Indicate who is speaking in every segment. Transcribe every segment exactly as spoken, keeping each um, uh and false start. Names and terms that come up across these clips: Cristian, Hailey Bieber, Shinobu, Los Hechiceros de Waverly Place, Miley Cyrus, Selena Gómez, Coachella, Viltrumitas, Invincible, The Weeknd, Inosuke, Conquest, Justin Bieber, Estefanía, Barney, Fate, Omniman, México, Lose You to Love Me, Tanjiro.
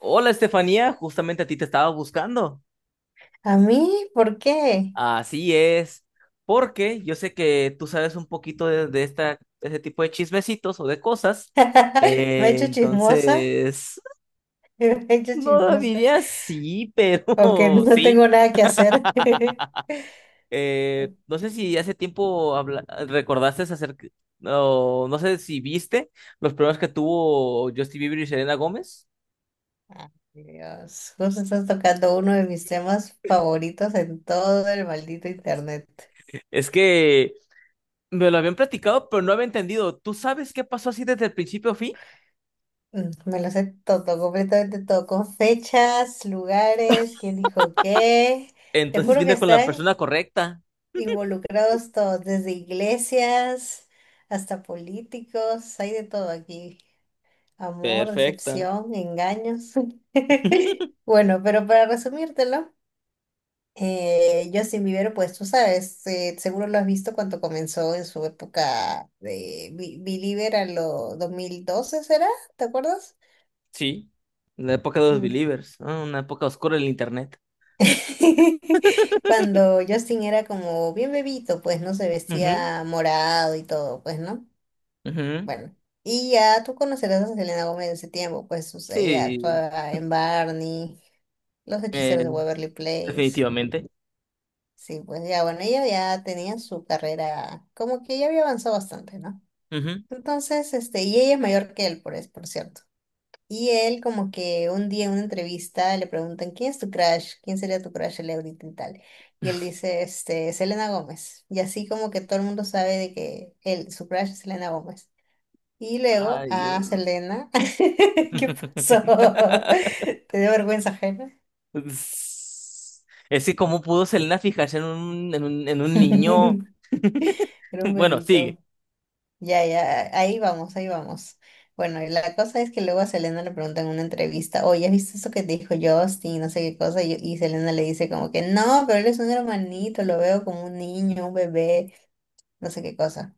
Speaker 1: Hola Estefanía, justamente a ti te estaba buscando.
Speaker 2: ¿A mí? ¿Por qué?
Speaker 1: Así es, porque yo sé que tú sabes un poquito de, de esta, de este tipo de chismecitos o de cosas.
Speaker 2: ¿Me he
Speaker 1: Eh,
Speaker 2: hecho chismosa?
Speaker 1: entonces,
Speaker 2: ¿Me he hecho
Speaker 1: no
Speaker 2: chismosa?
Speaker 1: diría sí, pero
Speaker 2: Aunque no
Speaker 1: sí.
Speaker 2: tengo nada que hacer.
Speaker 1: Eh, no sé si hace tiempo habla- recordaste acerca, no, no sé si viste los problemas que tuvo Justin Bieber y Selena Gómez.
Speaker 2: Dios, justo estás tocando uno de mis temas favoritos en todo el maldito internet.
Speaker 1: Es que me lo habían platicado, pero no había entendido. ¿Tú sabes qué pasó así desde el principio, a fin?
Speaker 2: Mm, Me lo sé todo, completamente todo, con fechas, lugares, quién dijo qué. Te
Speaker 1: Entonces
Speaker 2: juro que
Speaker 1: viene con la
Speaker 2: están
Speaker 1: persona correcta.
Speaker 2: involucrados todos, desde iglesias hasta políticos, hay de todo aquí. Amor,
Speaker 1: Perfecta.
Speaker 2: decepción, engaños. Bueno, pero para resumírtelo, eh, Justin Bieber, pues tú sabes, eh, seguro lo has visto cuando comenzó en su época de Bi- Belieber a lo dos mil doce, ¿será? ¿Te acuerdas?
Speaker 1: Sí. La época de los
Speaker 2: Mm.
Speaker 1: believers, ¿no? Una época oscura del internet.
Speaker 2: Cuando Justin era como bien bebito, pues no se vestía morado y todo, pues, ¿no?
Speaker 1: Ujú, ujú.
Speaker 2: Bueno, y ya tú conocerás a Selena Gómez de ese tiempo, pues o sea, ella
Speaker 1: Sí,
Speaker 2: actuaba en Barney, Los
Speaker 1: eh,
Speaker 2: Hechiceros de Waverly Place.
Speaker 1: definitivamente.
Speaker 2: Sí, pues ya, bueno, ella ya tenía su carrera, como que ya había avanzado bastante, ¿no?
Speaker 1: Ujú.
Speaker 2: Entonces, este, y ella es mayor que él, por, es- por cierto. Y él como que un día en una entrevista le preguntan, ¿quién es tu crush? ¿Quién sería tu crush el ahorita y tal? Y él dice, este, Selena Gómez. Y así como que todo el mundo sabe de que él, su crush es Selena Gómez. Y luego
Speaker 1: Ay,
Speaker 2: a
Speaker 1: Dios.
Speaker 2: Selena. ¿Qué pasó? ¿Te dio vergüenza ajena?
Speaker 1: Es que cómo pudo Selena fijarse en un, en un, en un niño.
Speaker 2: Era un
Speaker 1: Bueno,
Speaker 2: bebito.
Speaker 1: sigue.
Speaker 2: Ya, ya, ahí vamos, ahí vamos. Bueno, y la cosa es que luego a Selena le preguntan en una entrevista, oye, ¿has visto eso que te dijo Justin? No sé qué cosa. Y, y Selena le dice como que, no, pero él es un hermanito, lo veo como un niño, un bebé, no sé qué cosa.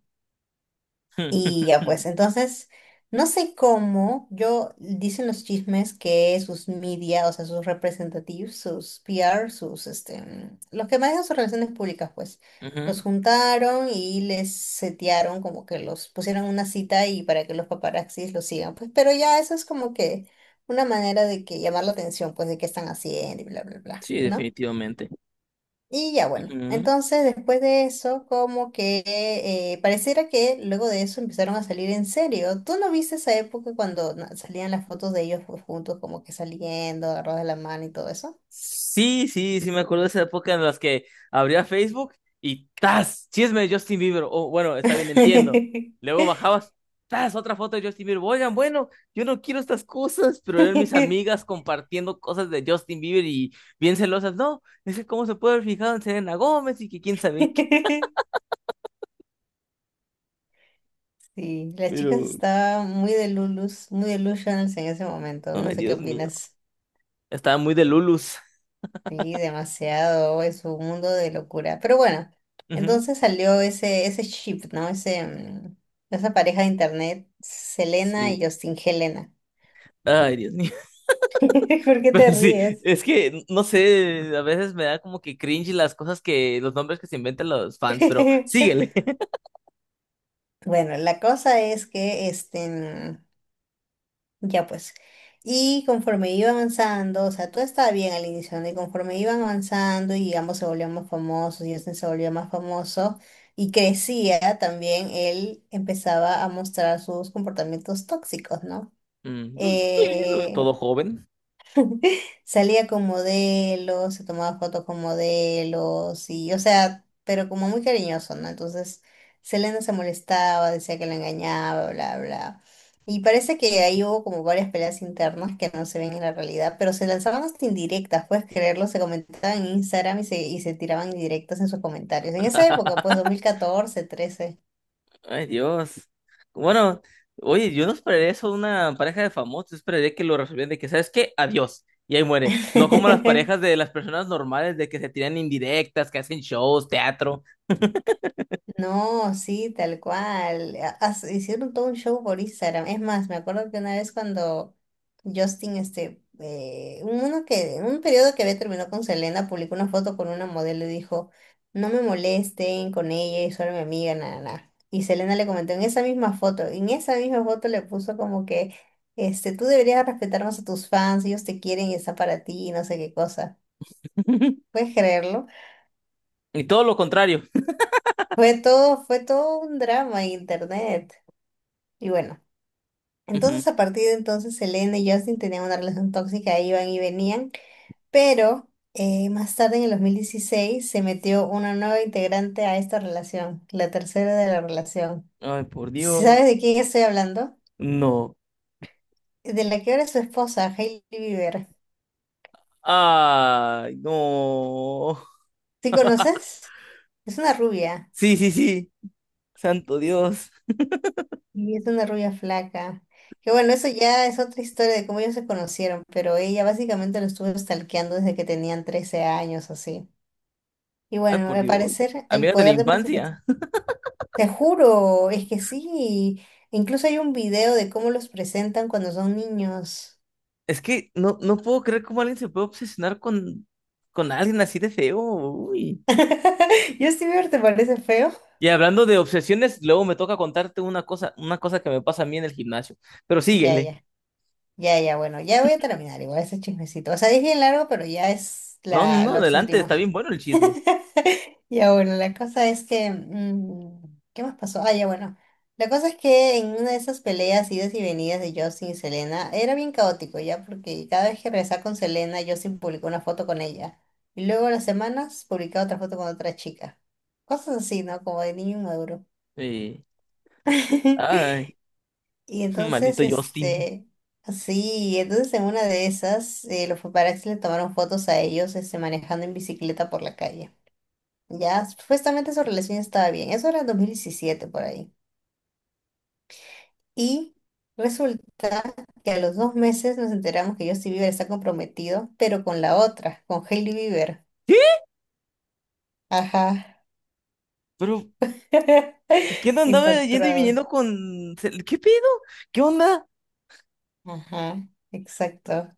Speaker 2: Y ya pues, entonces, no sé cómo, yo dicen los chismes que sus media, o sea, sus representativos, sus P R, sus, este, mm, los que manejan sus relaciones públicas, pues,
Speaker 1: Ujú.
Speaker 2: los juntaron y les setearon, como que los pusieron una cita y para que los paparazzis los sigan, pues, pero ya eso es como que una manera de que llamar la atención, pues, de qué están haciendo y bla, bla, bla,
Speaker 1: Sí,
Speaker 2: ¿no?
Speaker 1: definitivamente.
Speaker 2: Y ya bueno,
Speaker 1: Ujú.
Speaker 2: entonces después de eso, como que eh, eh, pareciera que luego de eso empezaron a salir en serio. ¿Tú no viste esa época cuando na- salían las fotos de ellos, pues, juntos, como que saliendo, agarrados de la mano y todo eso?
Speaker 1: Sí, sí, sí, me acuerdo de esa época en las que abría Facebook y ¡tas! Chisme de Justin Bieber. Oh, bueno, está bien, entiendo. Luego bajabas, ¡tas! Otra foto de Justin Bieber. Oigan, bueno, yo no quiero estas cosas, pero eran mis amigas compartiendo cosas de Justin Bieber y bien celosas. No, es que cómo se puede haber fijado en Selena Gómez y que quién sabe qué.
Speaker 2: Sí, las chicas
Speaker 1: Pero,
Speaker 2: estaban muy delulus, muy delusionals en ese momento. No
Speaker 1: ay,
Speaker 2: sé qué
Speaker 1: Dios mío.
Speaker 2: opinas.
Speaker 1: Estaba muy de Lulus.
Speaker 2: Sí, demasiado, es un mundo de locura. Pero bueno,
Speaker 1: Ujú,
Speaker 2: entonces salió ese, ese ship, ¿no? Ese, mm, esa pareja de internet, Selena
Speaker 1: sí.
Speaker 2: y Justin, Helena.
Speaker 1: Ay, Dios mío.
Speaker 2: ¿Por qué te
Speaker 1: Pero sí,
Speaker 2: ríes?
Speaker 1: es que, no sé, a veces me da como que cringe las cosas que, los nombres que se inventan los fans, pero síguele.
Speaker 2: Bueno, la cosa es que este, mm, ya pues. Y conforme iba avanzando, o sea, todo estaba bien al inicio, ¿no? Y conforme iban avanzando y ambos se volvían más famosos, y Justin se volvió más famoso y crecía también, él empezaba a mostrar sus comportamientos tóxicos, ¿no?
Speaker 1: Mm, pues, sí,
Speaker 2: Eh,
Speaker 1: todo joven.
Speaker 2: Salía con modelos, se tomaba fotos con modelos y, o sea, pero como muy cariñoso, ¿no? Entonces, Selena se molestaba, decía que la engañaba, bla, bla. Y parece que ahí hubo como varias peleas internas que no se ven en la realidad, pero se lanzaban hasta indirectas, puedes creerlo, se comentaban en Instagram y se, y se tiraban indirectas en sus comentarios. En esa época, pues dos mil catorce, trece.
Speaker 1: Ay, Dios. Bueno, oye, yo no esperaría eso de una pareja de famosos, yo esperaría que lo resolvieran de que, ¿sabes qué? Adiós. Y ahí muere. No como las parejas de las personas normales de que se tiran indirectas, que hacen shows, teatro.
Speaker 2: No, sí, tal cual. Ha- has- Hicieron todo un show por Instagram. Es más, me acuerdo que una vez cuando Justin, este, eh, uno que, un periodo que había terminado con Selena, publicó una foto con una modelo y dijo, no me molesten con ella, es solo mi amiga, nada, nada. Y Selena le comentó en esa misma foto, en esa misma foto le puso como que, este, tú deberías respetar más a tus fans, ellos te quieren y están para ti, y no sé qué cosa. ¿Puedes creerlo?
Speaker 1: Y todo lo contrario.
Speaker 2: Fue todo, fue todo un drama en internet. Y bueno.
Speaker 1: Ujú.
Speaker 2: Entonces, a partir de entonces, Selena y Justin tenían una relación tóxica, iban y venían, pero eh, más tarde, en el dos mil dieciséis se metió una nueva integrante a esta relación, la tercera de la relación.
Speaker 1: Ay, por
Speaker 2: ¿Sí?
Speaker 1: Dios.
Speaker 2: ¿Sabes de quién estoy hablando?
Speaker 1: No.
Speaker 2: De la que ahora es su esposa, Hailey Bieber.
Speaker 1: Ay, no.
Speaker 2: ¿Sí conoces? Es una rubia,
Speaker 1: Sí, sí, sí. Santo Dios.
Speaker 2: y es una rubia flaca. Que bueno, eso ya es otra historia de cómo ellos se conocieron, pero ella básicamente lo estuvo stalkeando desde que tenían trece años, así. Y
Speaker 1: Ay,
Speaker 2: bueno,
Speaker 1: por
Speaker 2: al
Speaker 1: Dios.
Speaker 2: parecer el
Speaker 1: Amigas de la
Speaker 2: poder de...
Speaker 1: infancia.
Speaker 2: Te juro, es que sí. Incluso hay un video de cómo los presentan cuando son niños.
Speaker 1: Es que no, no puedo creer cómo alguien se puede obsesionar con, con alguien así de feo. Uy.
Speaker 2: Justin Bieber, ¿te parece feo?
Speaker 1: Y hablando de obsesiones, luego me toca contarte una cosa, una cosa que me pasa a mí en el gimnasio. Pero
Speaker 2: Ya,
Speaker 1: síguele.
Speaker 2: ya, ya, ya, bueno, ya voy a terminar igual ese chismecito. O sea, es bien largo, pero ya es
Speaker 1: No, no,
Speaker 2: la,
Speaker 1: no,
Speaker 2: los
Speaker 1: adelante, está
Speaker 2: últimos.
Speaker 1: bien bueno el chisme.
Speaker 2: Ya bueno, la cosa es que... mm, ¿qué más pasó? Ah, ya bueno. La cosa es que en una de esas peleas, idas y venidas de Justin y Selena, era bien caótico ya, porque cada vez que regresaba con Selena, Justin publicó una foto con ella. Y luego a las semanas publicaba otra foto con otra chica. Cosas así, ¿no? Como de niño inmaduro.
Speaker 1: Sí. Ay,
Speaker 2: Y
Speaker 1: maldito
Speaker 2: entonces,
Speaker 1: Justin.
Speaker 2: este, sí, entonces en una de esas, eh, los paparazzi le tomaron fotos a ellos, este, manejando en bicicleta por la calle. Ya, supuestamente su relación estaba bien. Eso era en dos mil diecisiete por ahí. Y resulta que a los dos meses nos enteramos que Justin Bieber está comprometido, pero con la otra, con Hailey Bieber.
Speaker 1: ¿Qué?
Speaker 2: Ajá.
Speaker 1: ¿Pero quién andaba yendo y
Speaker 2: Impactado.
Speaker 1: viniendo con... Sel- ¿Qué pedo? ¿Qué onda?
Speaker 2: Ajá, exacto.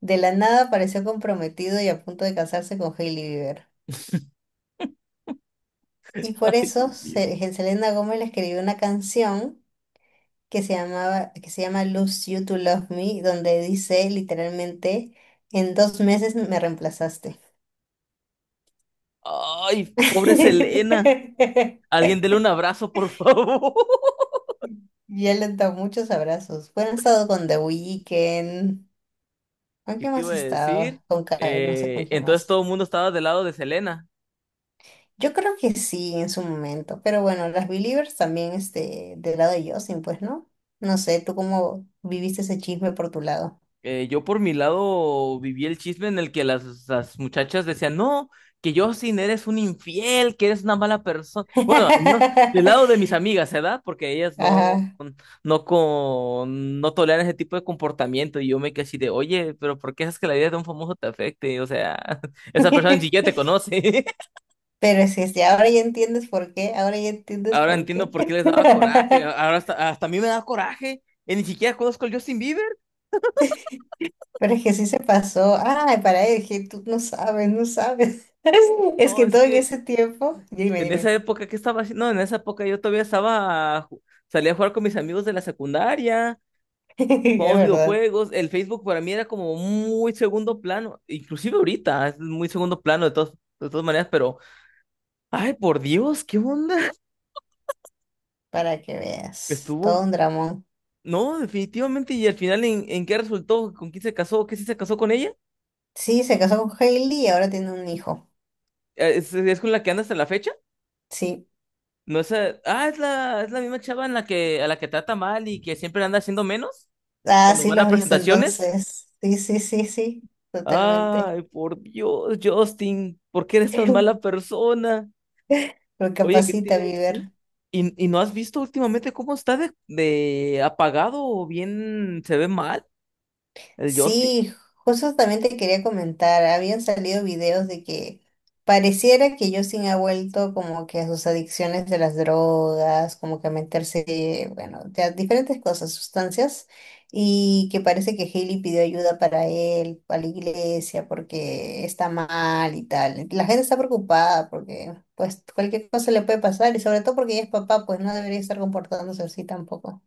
Speaker 2: De la nada apareció comprometido y a punto de casarse con Hailey Bieber. Y por eso Se- Selena Gómez le escribió una canción que se llamaba, que se llama Lose You to Love Me, donde dice literalmente, en dos meses me reemplazaste.
Speaker 1: Ay, pobre Selena. Alguien dele un abrazo, por favor.
Speaker 2: Y él le da muchos abrazos. Bueno, he estado con The Weeknd. ¿Con
Speaker 1: ¿Qué
Speaker 2: quién
Speaker 1: te iba
Speaker 2: más
Speaker 1: a
Speaker 2: he
Speaker 1: decir?
Speaker 2: estado? Con Ka- no sé con
Speaker 1: Eh,
Speaker 2: quién
Speaker 1: entonces
Speaker 2: más.
Speaker 1: todo el mundo estaba del lado de Selena.
Speaker 2: Yo creo que sí, en su momento. Pero bueno, las Believers también, este, del lado de Justin, pues, ¿no? No sé, ¿tú cómo viviste ese chisme por tu lado?
Speaker 1: Eh, yo por mi lado viví el chisme en el que las, las muchachas decían, no, que Justin eres un infiel, que eres una mala persona. Bueno, al menos del lado de mis amigas, ¿verdad? Porque ellas no,
Speaker 2: Ajá.
Speaker 1: no, con, no toleran ese tipo de comportamiento. Y yo me quedé así de, oye, pero ¿por qué haces que la vida de un famoso te afecte? O sea, esa persona ni siquiera te conoce.
Speaker 2: Pero es que si ahora ya entiendes por qué, ahora ya entiendes
Speaker 1: Ahora
Speaker 2: por
Speaker 1: entiendo
Speaker 2: qué.
Speaker 1: por qué les daba coraje. Ahora hasta, hasta a mí me da coraje. Y ni siquiera conozco al Justin Bieber.
Speaker 2: Pero es que sí se pasó. Ay, para él, que tú no sabes, no sabes. Es
Speaker 1: No,
Speaker 2: que
Speaker 1: es
Speaker 2: todo en
Speaker 1: que
Speaker 2: ese tiempo, dime,
Speaker 1: en esa
Speaker 2: dime.
Speaker 1: época, ¿qué estaba haciendo? No, en esa época yo todavía estaba. Ju- salía a jugar con mis amigos de la secundaria.
Speaker 2: Es
Speaker 1: Jugamos
Speaker 2: verdad,
Speaker 1: videojuegos. El Facebook para mí era como muy segundo plano. Inclusive ahorita es muy segundo plano de todas, de todas maneras. Pero, ay, por Dios, ¿qué onda?
Speaker 2: para que veas. Todo
Speaker 1: Estuvo.
Speaker 2: un dramón.
Speaker 1: No, definitivamente. ¿Y al final en, en qué resultó? ¿Con quién se casó? ¿Qué sí se casó con ella?
Speaker 2: Sí, se casó con Hailey y ahora tiene un hijo.
Speaker 1: Eh, ¿Es, es con la que anda hasta la fecha?
Speaker 2: Sí.
Speaker 1: No es, eh, ah, es la, es la misma chava en la que, a la que trata mal y que siempre anda haciendo menos
Speaker 2: Ah,
Speaker 1: cuando
Speaker 2: sí
Speaker 1: van
Speaker 2: lo
Speaker 1: a
Speaker 2: has visto
Speaker 1: presentaciones.
Speaker 2: entonces. Sí, sí, sí, sí. Totalmente.
Speaker 1: Ay, por Dios, Justin, ¿por qué eres tan mala persona? Oye, ¿qué te
Speaker 2: Recapacita,
Speaker 1: iba a decir?
Speaker 2: Bieber.
Speaker 1: ¿Y, y no has visto últimamente cómo está de, de apagado o bien se ve mal el Justin?
Speaker 2: Sí, justo también te quería comentar, habían salido videos de que pareciera que Justin ha vuelto como que a sus adicciones de las drogas, como que a meterse, bueno, de a diferentes cosas, sustancias, y que parece que Hailey pidió ayuda para él, para la iglesia, porque está mal y tal. La gente está preocupada porque pues cualquier cosa le puede pasar, y sobre todo porque ella es papá, pues no debería estar comportándose así tampoco.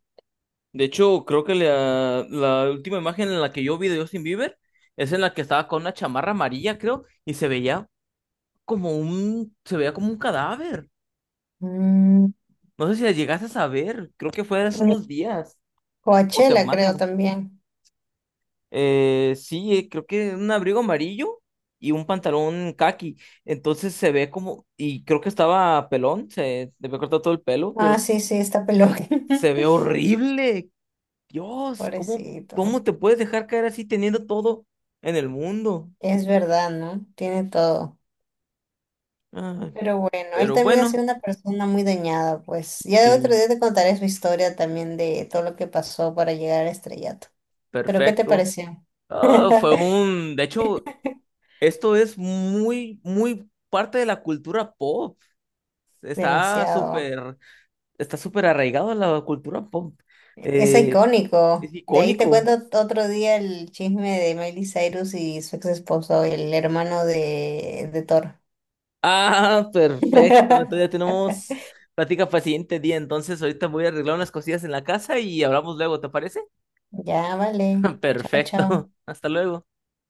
Speaker 1: De hecho, creo que la, la última imagen en la que yo vi de Justin Bieber es en la que estaba con una chamarra amarilla, creo, y se veía como un, se veía como un cadáver.
Speaker 2: Mm,
Speaker 1: No sé si la llegaste a ver, creo que fue hace unos días o
Speaker 2: Coachella, creo
Speaker 1: semanas.
Speaker 2: también.
Speaker 1: Eh, sí, eh, creo que un abrigo amarillo y un pantalón caqui. Entonces se ve como, y creo que estaba pelón, se le había cortado todo el pelo, pero
Speaker 2: Ah, sí, sí, está peludo.
Speaker 1: se ve horrible. Dios, ¿cómo,
Speaker 2: Pobrecito.
Speaker 1: cómo te puedes dejar caer así teniendo todo en el mundo?
Speaker 2: Es verdad, ¿no? Tiene todo.
Speaker 1: Ay,
Speaker 2: Pero bueno, él
Speaker 1: pero
Speaker 2: también ha
Speaker 1: bueno,
Speaker 2: sido una persona muy dañada, pues. Ya de otro
Speaker 1: sí,
Speaker 2: día te contaré su historia también de todo lo que pasó para llegar al estrellato. Pero ¿qué te
Speaker 1: perfecto.
Speaker 2: pareció?
Speaker 1: Ah, fue un, de hecho, esto es muy, muy parte de la cultura pop. Está
Speaker 2: Demasiado.
Speaker 1: súper, está súper arraigado en la cultura pop.
Speaker 2: Es
Speaker 1: Eh,
Speaker 2: icónico.
Speaker 1: es
Speaker 2: De ahí te
Speaker 1: icónico.
Speaker 2: cuento otro día el chisme de Miley Cyrus y su ex esposo, el hermano de, de, Thor.
Speaker 1: Ah, perfecto. Entonces ya tenemos plática para el siguiente día. Entonces ahorita voy a arreglar unas cosillas en la casa y hablamos luego, ¿te parece?
Speaker 2: Ya, vale. Chao,
Speaker 1: Perfecto.
Speaker 2: chao.
Speaker 1: Hasta luego.